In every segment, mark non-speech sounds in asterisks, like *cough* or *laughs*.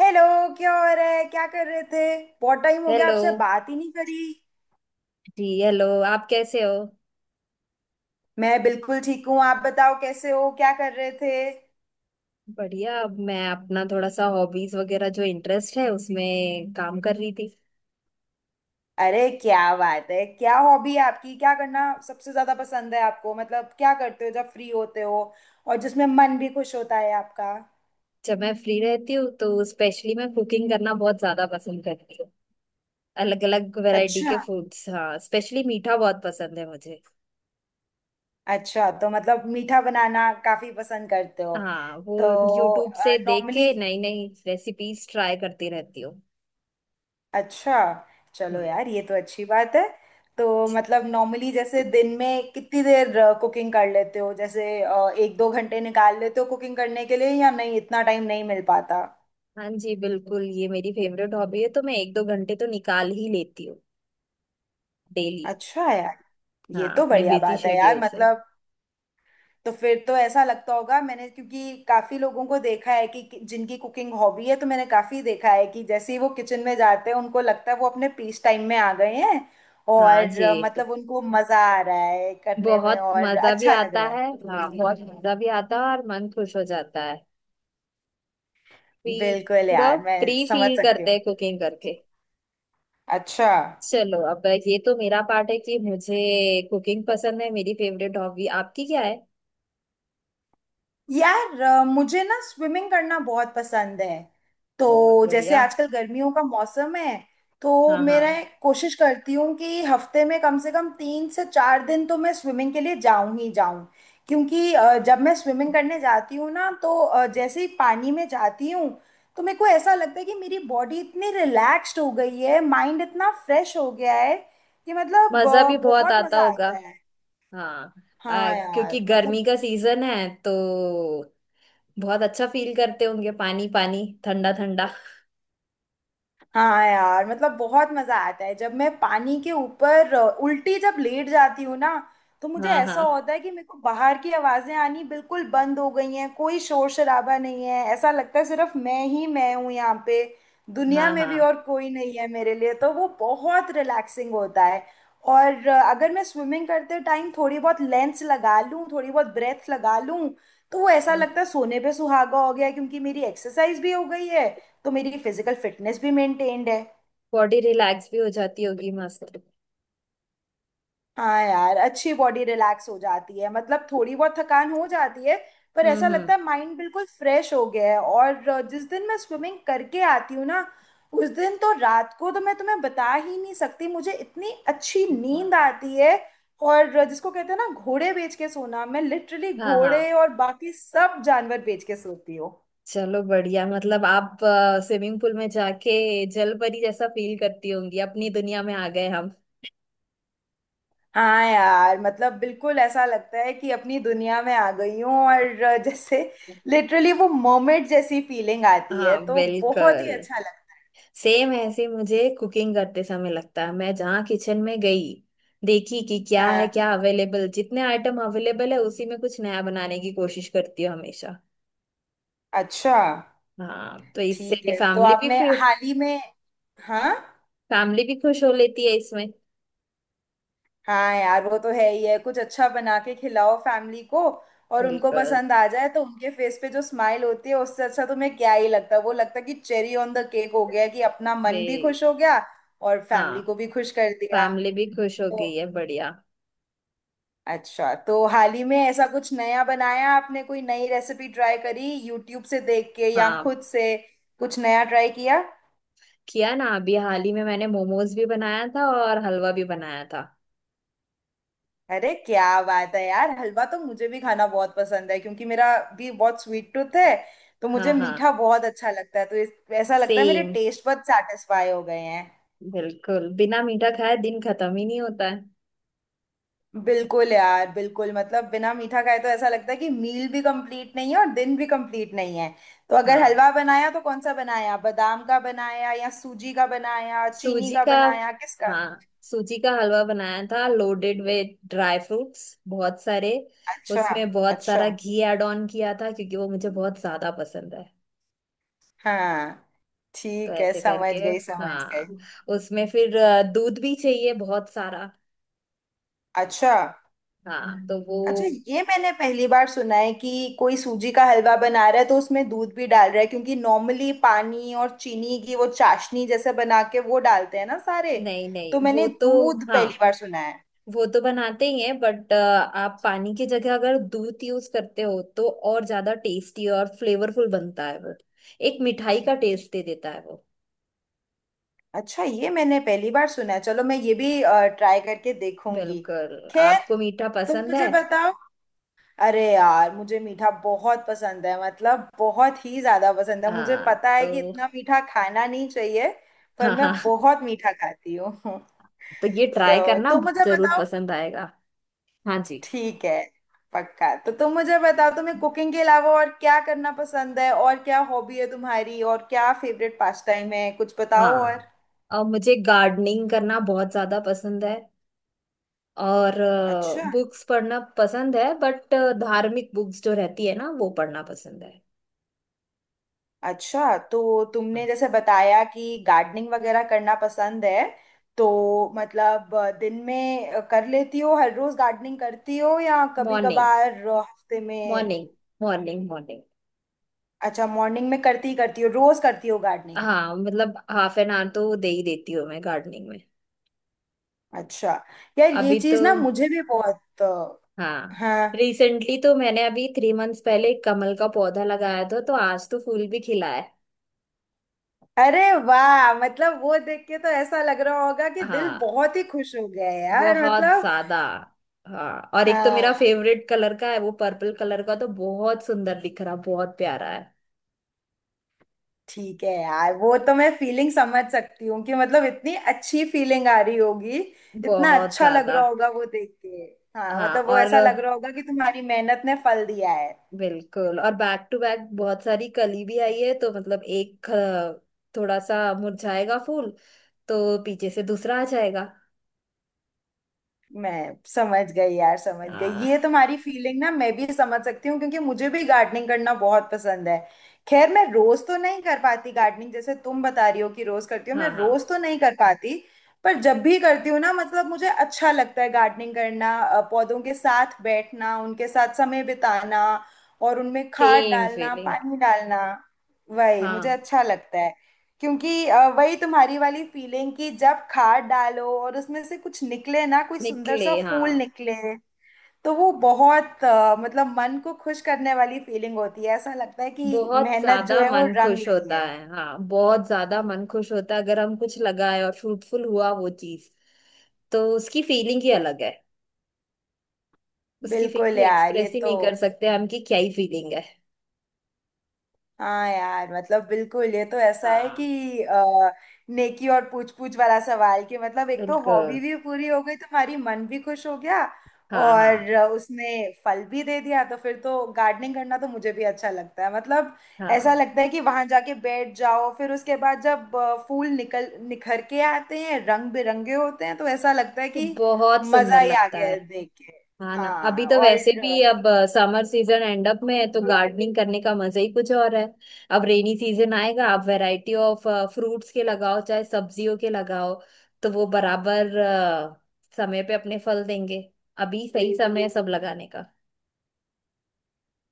Hello. क्या हो रहा है, क्या कर रहे थे? बहुत टाइम हो गया, हेलो। आपसे बात ही नहीं करी। जी हेलो, आप कैसे हो। मैं बिल्कुल ठीक हूँ। आप बताओ कैसे हो, क्या कर रहे थे? बढ़िया। अब मैं अपना थोड़ा सा हॉबीज वगैरह जो इंटरेस्ट है उसमें काम कर रही थी। अरे क्या बात है! क्या हॉबी है आपकी, क्या करना सबसे ज्यादा पसंद है आपको, मतलब क्या करते हो जब फ्री होते हो और जिसमें मन भी खुश होता है आपका? जब मैं फ्री रहती हूँ तो स्पेशली मैं कुकिंग करना बहुत ज्यादा पसंद करती हूँ। अलग अलग वैरायटी अच्छा। के फूड्स। हाँ, स्पेशली मीठा बहुत पसंद है मुझे। अच्छा, तो मतलब मीठा बनाना काफी पसंद करते हो हाँ वो तो। यूट्यूब से देख नॉर्मली। के नई नई रेसिपीज ट्राई करती रहती हूँ। अच्छा। चलो हम्म। यार, ये तो अच्छी बात है। तो मतलब नॉर्मली जैसे दिन में कितनी देर कुकिंग कर लेते हो, जैसे एक दो घंटे निकाल लेते हो कुकिंग करने के लिए, या नहीं इतना टाइम नहीं मिल पाता? हाँ जी, बिल्कुल ये मेरी फेवरेट हॉबी है तो मैं एक दो घंटे तो निकाल ही लेती हूँ डेली। अच्छा यार, ये हाँ, तो अपने बढ़िया बिजी बात है यार। शेड्यूल से। मतलब तो फिर तो ऐसा लगता होगा, मैंने क्योंकि काफी लोगों को देखा है जिनकी कुकिंग हॉबी है, तो मैंने काफी देखा है कि जैसे ही वो किचन में जाते हैं, उनको लगता है वो अपने पीस टाइम में आ गए हैं। हाँ और जी। मतलब उनको मजा आ रहा है करने में बहुत और मजा भी अच्छा लग आता रहा है। है। हाँ, बहुत मजा भी आता है और मन खुश हो जाता है। फ्री। बिल्कुल पूरा यार, मैं फ्री समझ फील सकती करते हूँ। हैं कुकिंग करके। अच्छा चलो अब ये तो मेरा पार्ट है कि मुझे कुकिंग पसंद है, मेरी फेवरेट हॉबी। आपकी क्या है। यार, मुझे ना स्विमिंग करना बहुत पसंद है। बहुत तो जैसे बढ़िया। आजकल गर्मियों का मौसम है, तो हाँ मेरा हाँ। कोशिश करती हूँ कि हफ्ते में कम से कम तीन से चार दिन तो मैं स्विमिंग के लिए जाऊं ही जाऊं। क्योंकि जब मैं स्विमिंग करने जाती हूँ ना, तो जैसे ही पानी में जाती हूँ, तो मेरे को ऐसा लगता है कि मेरी बॉडी इतनी रिलैक्स्ड हो गई है, माइंड इतना फ्रेश हो गया है। कि मतलब मजा भी बहुत बहुत आता मजा होगा। आता है। हाँ। हाँ क्योंकि यार मतलब। गर्मी का सीजन है तो बहुत अच्छा फील करते होंगे। पानी पानी ठंडा ठंडा। हाँ यार मतलब बहुत मजा आता है, जब मैं पानी के ऊपर उल्टी जब लेट जाती हूँ ना, तो मुझे हाँ ऐसा हाँ। होता है कि मेरे को बाहर की आवाजें आनी बिल्कुल बंद हो गई हैं, कोई शोर शराबा नहीं है, ऐसा लगता है सिर्फ मैं ही मैं हूँ यहाँ पे, दुनिया हाँ में हाँ। भी और कोई नहीं है मेरे लिए। तो वो बहुत रिलैक्सिंग होता है। और अगर मैं स्विमिंग करते टाइम थोड़ी बहुत लेंस लगा लूँ, थोड़ी बहुत ब्रेथ लगा लूँ, तो वो ऐसा लगता है सोने पे सुहागा हो गया, क्योंकि मेरी एक्सरसाइज भी हो गई है, तो मेरी फिजिकल फिटनेस भी मेंटेन्ड है। बॉडी रिलैक्स भी हो जाती होगी मस्त। हाँ यार, अच्छी बॉडी रिलैक्स हो जाती है, मतलब थोड़ी बहुत थकान हो जाती है, पर ऐसा हम्म। लगता है माइंड बिल्कुल फ्रेश हो गया है। और जिस दिन मैं स्विमिंग करके आती हूँ ना, उस दिन तो रात को तो मैं तुम्हें बता ही नहीं सकती, मुझे इतनी अच्छी नींद हम्म। आती है। और जिसको कहते हैं ना घोड़े बेच के सोना, मैं लिटरली हाँ हाँ। घोड़े और बाकी सब जानवर बेच के सोती हूँ। चलो बढ़िया, मतलब आप स्विमिंग पूल में जाके जलपरी जैसा फील करती होंगी, अपनी दुनिया में आ गए हम। हाँ यार मतलब बिल्कुल ऐसा लगता है कि अपनी दुनिया में आ गई हूँ, और जैसे लिटरली वो मोमेंट जैसी फीलिंग आती है, हाँ तो बहुत ही बिल्कुल। अच्छा लगता सेम ऐसे मुझे कुकिंग करते समय लगता है, मैं जहाँ किचन में गई, देखी कि क्या है है। क्या अवेलेबल, जितने आइटम अवेलेबल है उसी में कुछ नया बनाने की कोशिश करती हूँ हमेशा। अच्छा, हाँ तो ठीक इससे है, तो फैमिली भी आपने फिर। हाल ही में। हाँ। फैमिली भी खुश हो लेती है इसमें। हाँ यार वो तो है ही है, कुछ अच्छा बना के खिलाओ फैमिली को, और उनको बिल्कुल। पसंद आ जाए तो उनके फेस पे जो स्माइल होती है, उससे अच्छा तुम्हें क्या ही लगता है। वो लगता है कि चेरी ऑन द केक हो गया, कि अपना बे मन भी खुश हो गया और हाँ। फैमिली को भी खुश कर दिया। फैमिली भी खुश हो तो गई है बढ़िया। अच्छा, तो हाल ही में ऐसा कुछ नया बनाया आपने, कोई नई रेसिपी ट्राई करी यूट्यूब से देख के या हाँ। खुद से कुछ नया ट्राई किया? किया ना। अभी हाल ही में मैंने मोमोज भी बनाया था और हलवा भी बनाया था। अरे क्या बात है यार, हलवा तो मुझे भी खाना बहुत पसंद है, क्योंकि मेरा भी बहुत स्वीट टूथ है। तो हाँ मुझे मीठा हाँ। बहुत अच्छा लगता है, तो ऐसा लगता है मेरे सेम। टेस्ट बड सेटिस्फाई हो गए हैं। बिल्कुल, बिना मीठा खाए दिन खत्म ही नहीं होता है। बिल्कुल यार बिल्कुल, मतलब बिना मीठा खाए तो ऐसा लगता है कि मील भी कंप्लीट नहीं है और दिन भी कंप्लीट नहीं है। तो अगर हाँ, हलवा बनाया तो कौन सा बनाया, बादाम का बनाया या सूजी का बनाया, चीनी सूजी का का। बनाया, किसका? हाँ, सूजी का हलवा बनाया था लोडेड विद ड्राई फ्रूट्स बहुत सारे। अच्छा। उसमें बहुत अच्छा, सारा घी ऐड ऑन किया था क्योंकि वो मुझे बहुत ज्यादा पसंद है। हाँ, तो ठीक है, ऐसे समझ करके। गई, समझ गई। हाँ। उसमें फिर दूध भी चाहिए बहुत सारा। अच्छा। हाँ तो वो। अच्छा, ये मैंने पहली बार सुना है कि कोई सूजी का हलवा बना रहा है तो उसमें दूध भी डाल रहा है, क्योंकि नॉर्मली पानी और चीनी की वो चाशनी जैसे बना के वो डालते हैं ना सारे। नहीं नहीं, तो वो मैंने तो। दूध पहली हाँ, बार सुना है। वो तो बनाते ही हैं बट आप पानी की जगह अगर दूध यूज करते हो तो और ज्यादा टेस्टी और फ्लेवरफुल बनता है वो। एक मिठाई का टेस्ट दे देता है वो। अच्छा, ये मैंने पहली बार सुना है। चलो, मैं ये भी ट्राई करके देखूंगी। बिल्कुल। खैर, आपको मीठा तुम पसंद है। मुझे बताओ। अरे यार, मुझे मीठा बहुत पसंद है, मतलब बहुत ही ज्यादा पसंद है। मुझे हाँ पता है तो। कि इतना मीठा खाना नहीं चाहिए, पर हाँ मैं हाँ बहुत मीठा खाती हूँ। *laughs* तो ये ट्राई तो करना तुम मुझे जरूर बताओ। पसंद आएगा। हाँ जी। ठीक है, पक्का। तो तुम मुझे बताओ तुम्हें कुकिंग के अलावा और क्या करना पसंद है, और क्या हॉबी है तुम्हारी, और क्या फेवरेट पास टाइम है, कुछ बताओ और। हाँ, और मुझे गार्डनिंग करना बहुत ज्यादा पसंद है। और अच्छा। बुक्स पढ़ना पसंद है बट धार्मिक बुक्स जो रहती है ना वो पढ़ना पसंद है। अच्छा, तो तुमने जैसे बताया कि गार्डनिंग वगैरह करना पसंद है, तो मतलब दिन में कर लेती हो हर रोज गार्डनिंग करती हो, या कभी मॉर्निंग, कभार हफ्ते में? Morning, morning, morning. अच्छा, मॉर्निंग में करती ही करती हो, रोज करती हो गार्डनिंग। हाँ, मतलब हाफ एन आवर तो दे ही देती हूँ मैं गार्डनिंग में। अच्छा यार, ये अभी तो चीज ना मुझे भी बहुत हाँ, हाँ। रिसेंटली तो मैंने अभी 3 मंथ्स पहले एक कमल का पौधा लगाया था तो आज तो फूल भी खिला है। अरे वाह, मतलब वो देख के तो ऐसा लग रहा होगा कि दिल हाँ बहुत ही खुश हो गया है यार, बहुत मतलब। ज्यादा। हाँ, और एक तो मेरा हाँ, फेवरेट कलर का है, वो पर्पल कलर का, तो बहुत सुंदर दिख रहा, बहुत प्यारा है। ठीक है यार, वो तो मैं फीलिंग समझ सकती हूँ, कि मतलब इतनी अच्छी फीलिंग आ रही होगी, इतना बहुत अच्छा लग ज्यादा। रहा होगा वो देख के। हाँ हाँ मतलब वो और ऐसा लग रहा होगा कि तुम्हारी मेहनत ने फल दिया है। बिल्कुल, और बैक टू बैक बहुत सारी कली भी आई है तो मतलब एक थोड़ा सा मुरझाएगा फूल तो पीछे से दूसरा आ जाएगा। मैं समझ गई यार, समझ गई ये हाँ तुम्हारी फीलिंग ना, मैं भी समझ सकती हूँ क्योंकि मुझे भी गार्डनिंग करना बहुत पसंद है। खैर मैं रोज तो नहीं कर पाती गार्डनिंग, जैसे तुम बता रही हो कि रोज करती हो, मैं हाँ हाँ। रोज तो नहीं कर पाती। पर जब भी करती हूँ ना, मतलब मुझे अच्छा लगता है गार्डनिंग करना, पौधों के साथ बैठना, उनके साथ समय बिताना और उनमें खाद सेम डालना, फीलिंग। पानी डालना। वही मुझे हाँ। अच्छा लगता है, क्योंकि वही तुम्हारी वाली फीलिंग, कि जब खाद डालो और उसमें से कुछ निकले ना, कोई सुंदर निकले सा हाँ। फूल निकले, तो वो बहुत मतलब मन को खुश करने वाली फीलिंग होती है। ऐसा लगता है कि बहुत मेहनत जो ज्यादा है वो मन रंग खुश लाई होता है। है। हाँ, बहुत ज्यादा मन खुश होता है, अगर हम कुछ लगाए और फ्रूटफुल हुआ वो चीज तो उसकी फीलिंग ही अलग है। उसकी बिल्कुल फीलिंग यार, ये एक्सप्रेस ही तो। नहीं कर सकते हम कि क्या ही फीलिंग है। हाँ यार मतलब बिल्कुल, ये तो ऐसा है हाँ कि नेकी और पूछ पूछ वाला सवाल, कि मतलब एक तो बिल्कुल। हॉबी भी पूरी हो गई तुम्हारी, मन भी खुश हो गया हाँ हाँ। और उसने फल भी दे दिया, तो फिर तो गार्डनिंग करना तो मुझे भी अच्छा लगता है, मतलब। ऐसा हाँ लगता है कि वहां जाके बैठ जाओ, फिर उसके बाद जब फूल निकल निखर के आते हैं, रंग बिरंगे होते हैं, तो ऐसा लगता है तो कि बहुत मजा सुंदर ही आ लगता गया है। है देख के। हाँ ना, अभी हाँ तो और। वैसे भी अब समर सीजन एंड अप में है तो गार्डनिंग करने का मजा ही कुछ और है। अब रेनी सीजन आएगा, आप वैरायटी ऑफ फ्रूट्स के लगाओ चाहे सब्जियों के लगाओ तो वो बराबर समय पे अपने फल देंगे। अभी सही समय है सब लगाने का।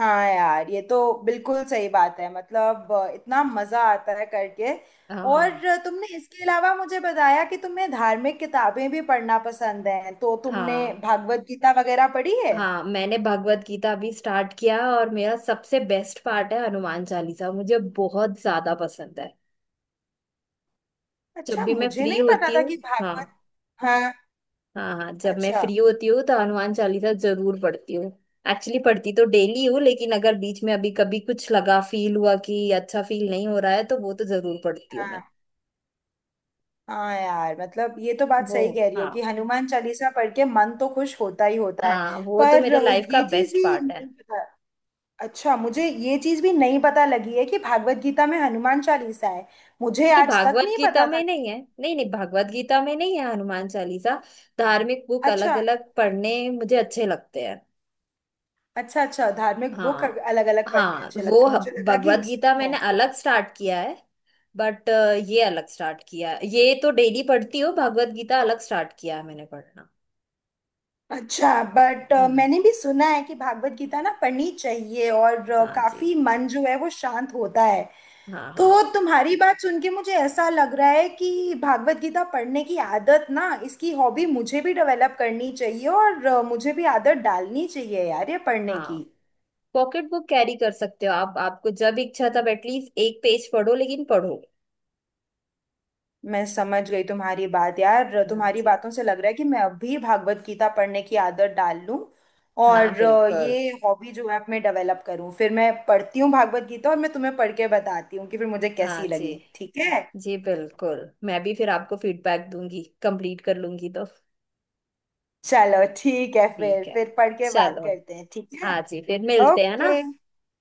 हाँ यार, ये तो बिल्कुल सही बात है, मतलब इतना मजा आता है करके। हाँ और तुमने इसके अलावा मुझे बताया कि तुम्हें धार्मिक किताबें भी पढ़ना पसंद है, तो तुमने हाँ भागवत गीता वगैरह पढ़ी है? हाँ। मैंने भगवत गीता अभी स्टार्ट किया और मेरा सबसे बेस्ट पार्ट है हनुमान चालीसा, मुझे बहुत ज्यादा पसंद है। जब अच्छा, भी मैं मुझे फ्री नहीं पता होती था हूँ। कि भागवत। हाँ। हाँ। हाँ हाँ, जब मैं अच्छा। फ्री होती हूँ तो हनुमान चालीसा जरूर पढ़ती हूँ। एक्चुअली पढ़ती तो डेली हूँ लेकिन अगर बीच में अभी कभी कुछ लगा फील हुआ कि अच्छा फील नहीं हो रहा है तो वो तो जरूर पढ़ती हूँ हाँ मैं। हाँ यार, मतलब ये तो बात वो। सही कह रही हो हाँ कि हनुमान चालीसा पढ़ के मन तो खुश होता ही होता है। हाँ, वो तो पर मेरे लाइफ का ये चीज बेस्ट भी पार्ट है। नहीं पता। अच्छा मुझे ये चीज भी नहीं पता लगी है कि भागवत गीता में हनुमान चालीसा है, मुझे नहीं, आज तक भागवत नहीं गीता पता में था। नहीं है। नहीं नहीं, भागवत गीता में नहीं है हनुमान चालीसा। धार्मिक बुक अच्छा। अलग अलग पढ़ने मुझे अच्छे लगते हैं। अच्छा, अच्छा, धार्मिक बुक हाँ, अलग अलग पढ़ने हाँ अच्छे लगता वो है, मुझे लगा कि भगवत उसमें गीता है। मैंने अलग स्टार्ट किया है। बट ये अलग स्टार्ट किया। ये तो डेली पढ़ती हो। भागवत गीता अलग स्टार्ट किया है मैंने पढ़ना। अच्छा। बट हम्म। मैंने भी सुना है कि भागवत गीता ना पढ़नी चाहिए, और हाँ जी। काफी मन जो है वो शांत होता है। हाँ हाँ तो तुम्हारी बात सुन के मुझे ऐसा लग रहा है कि भागवत गीता पढ़ने की आदत ना, इसकी हॉबी मुझे भी डेवलप करनी चाहिए, और मुझे भी आदत डालनी चाहिए यार ये पढ़ने हाँ। की। पॉकेट बुक कैरी कर सकते हो आप, आपको जब इच्छा तब एटलीस्ट एक पेज पढ़ो लेकिन पढ़ो। मैं समझ गई तुम्हारी बात यार, हाँ तुम्हारी जी। बातों से लग रहा है कि मैं अब भी भागवत गीता पढ़ने की आदत डाल लूं, हाँ और बिल्कुल। ये हॉबी जो है मैं डेवलप करूं, फिर मैं पढ़ती हूँ भागवत गीता, और मैं तुम्हें पढ़ के बताती हूँ कि फिर मुझे हाँ कैसी जी। लगी, ठीक है? जी बिल्कुल, मैं भी फिर आपको फीडबैक दूंगी कंप्लीट कर लूंगी तो। चलो ठीक है, ठीक है। फिर पढ़ के बात चलो। करते हैं, ठीक है। हाँ जी, फिर मिलते हैं ना। ओके।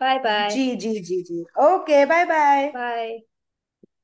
Bye bye. जी जी जी जी, ओके, बाय बाय। बाय।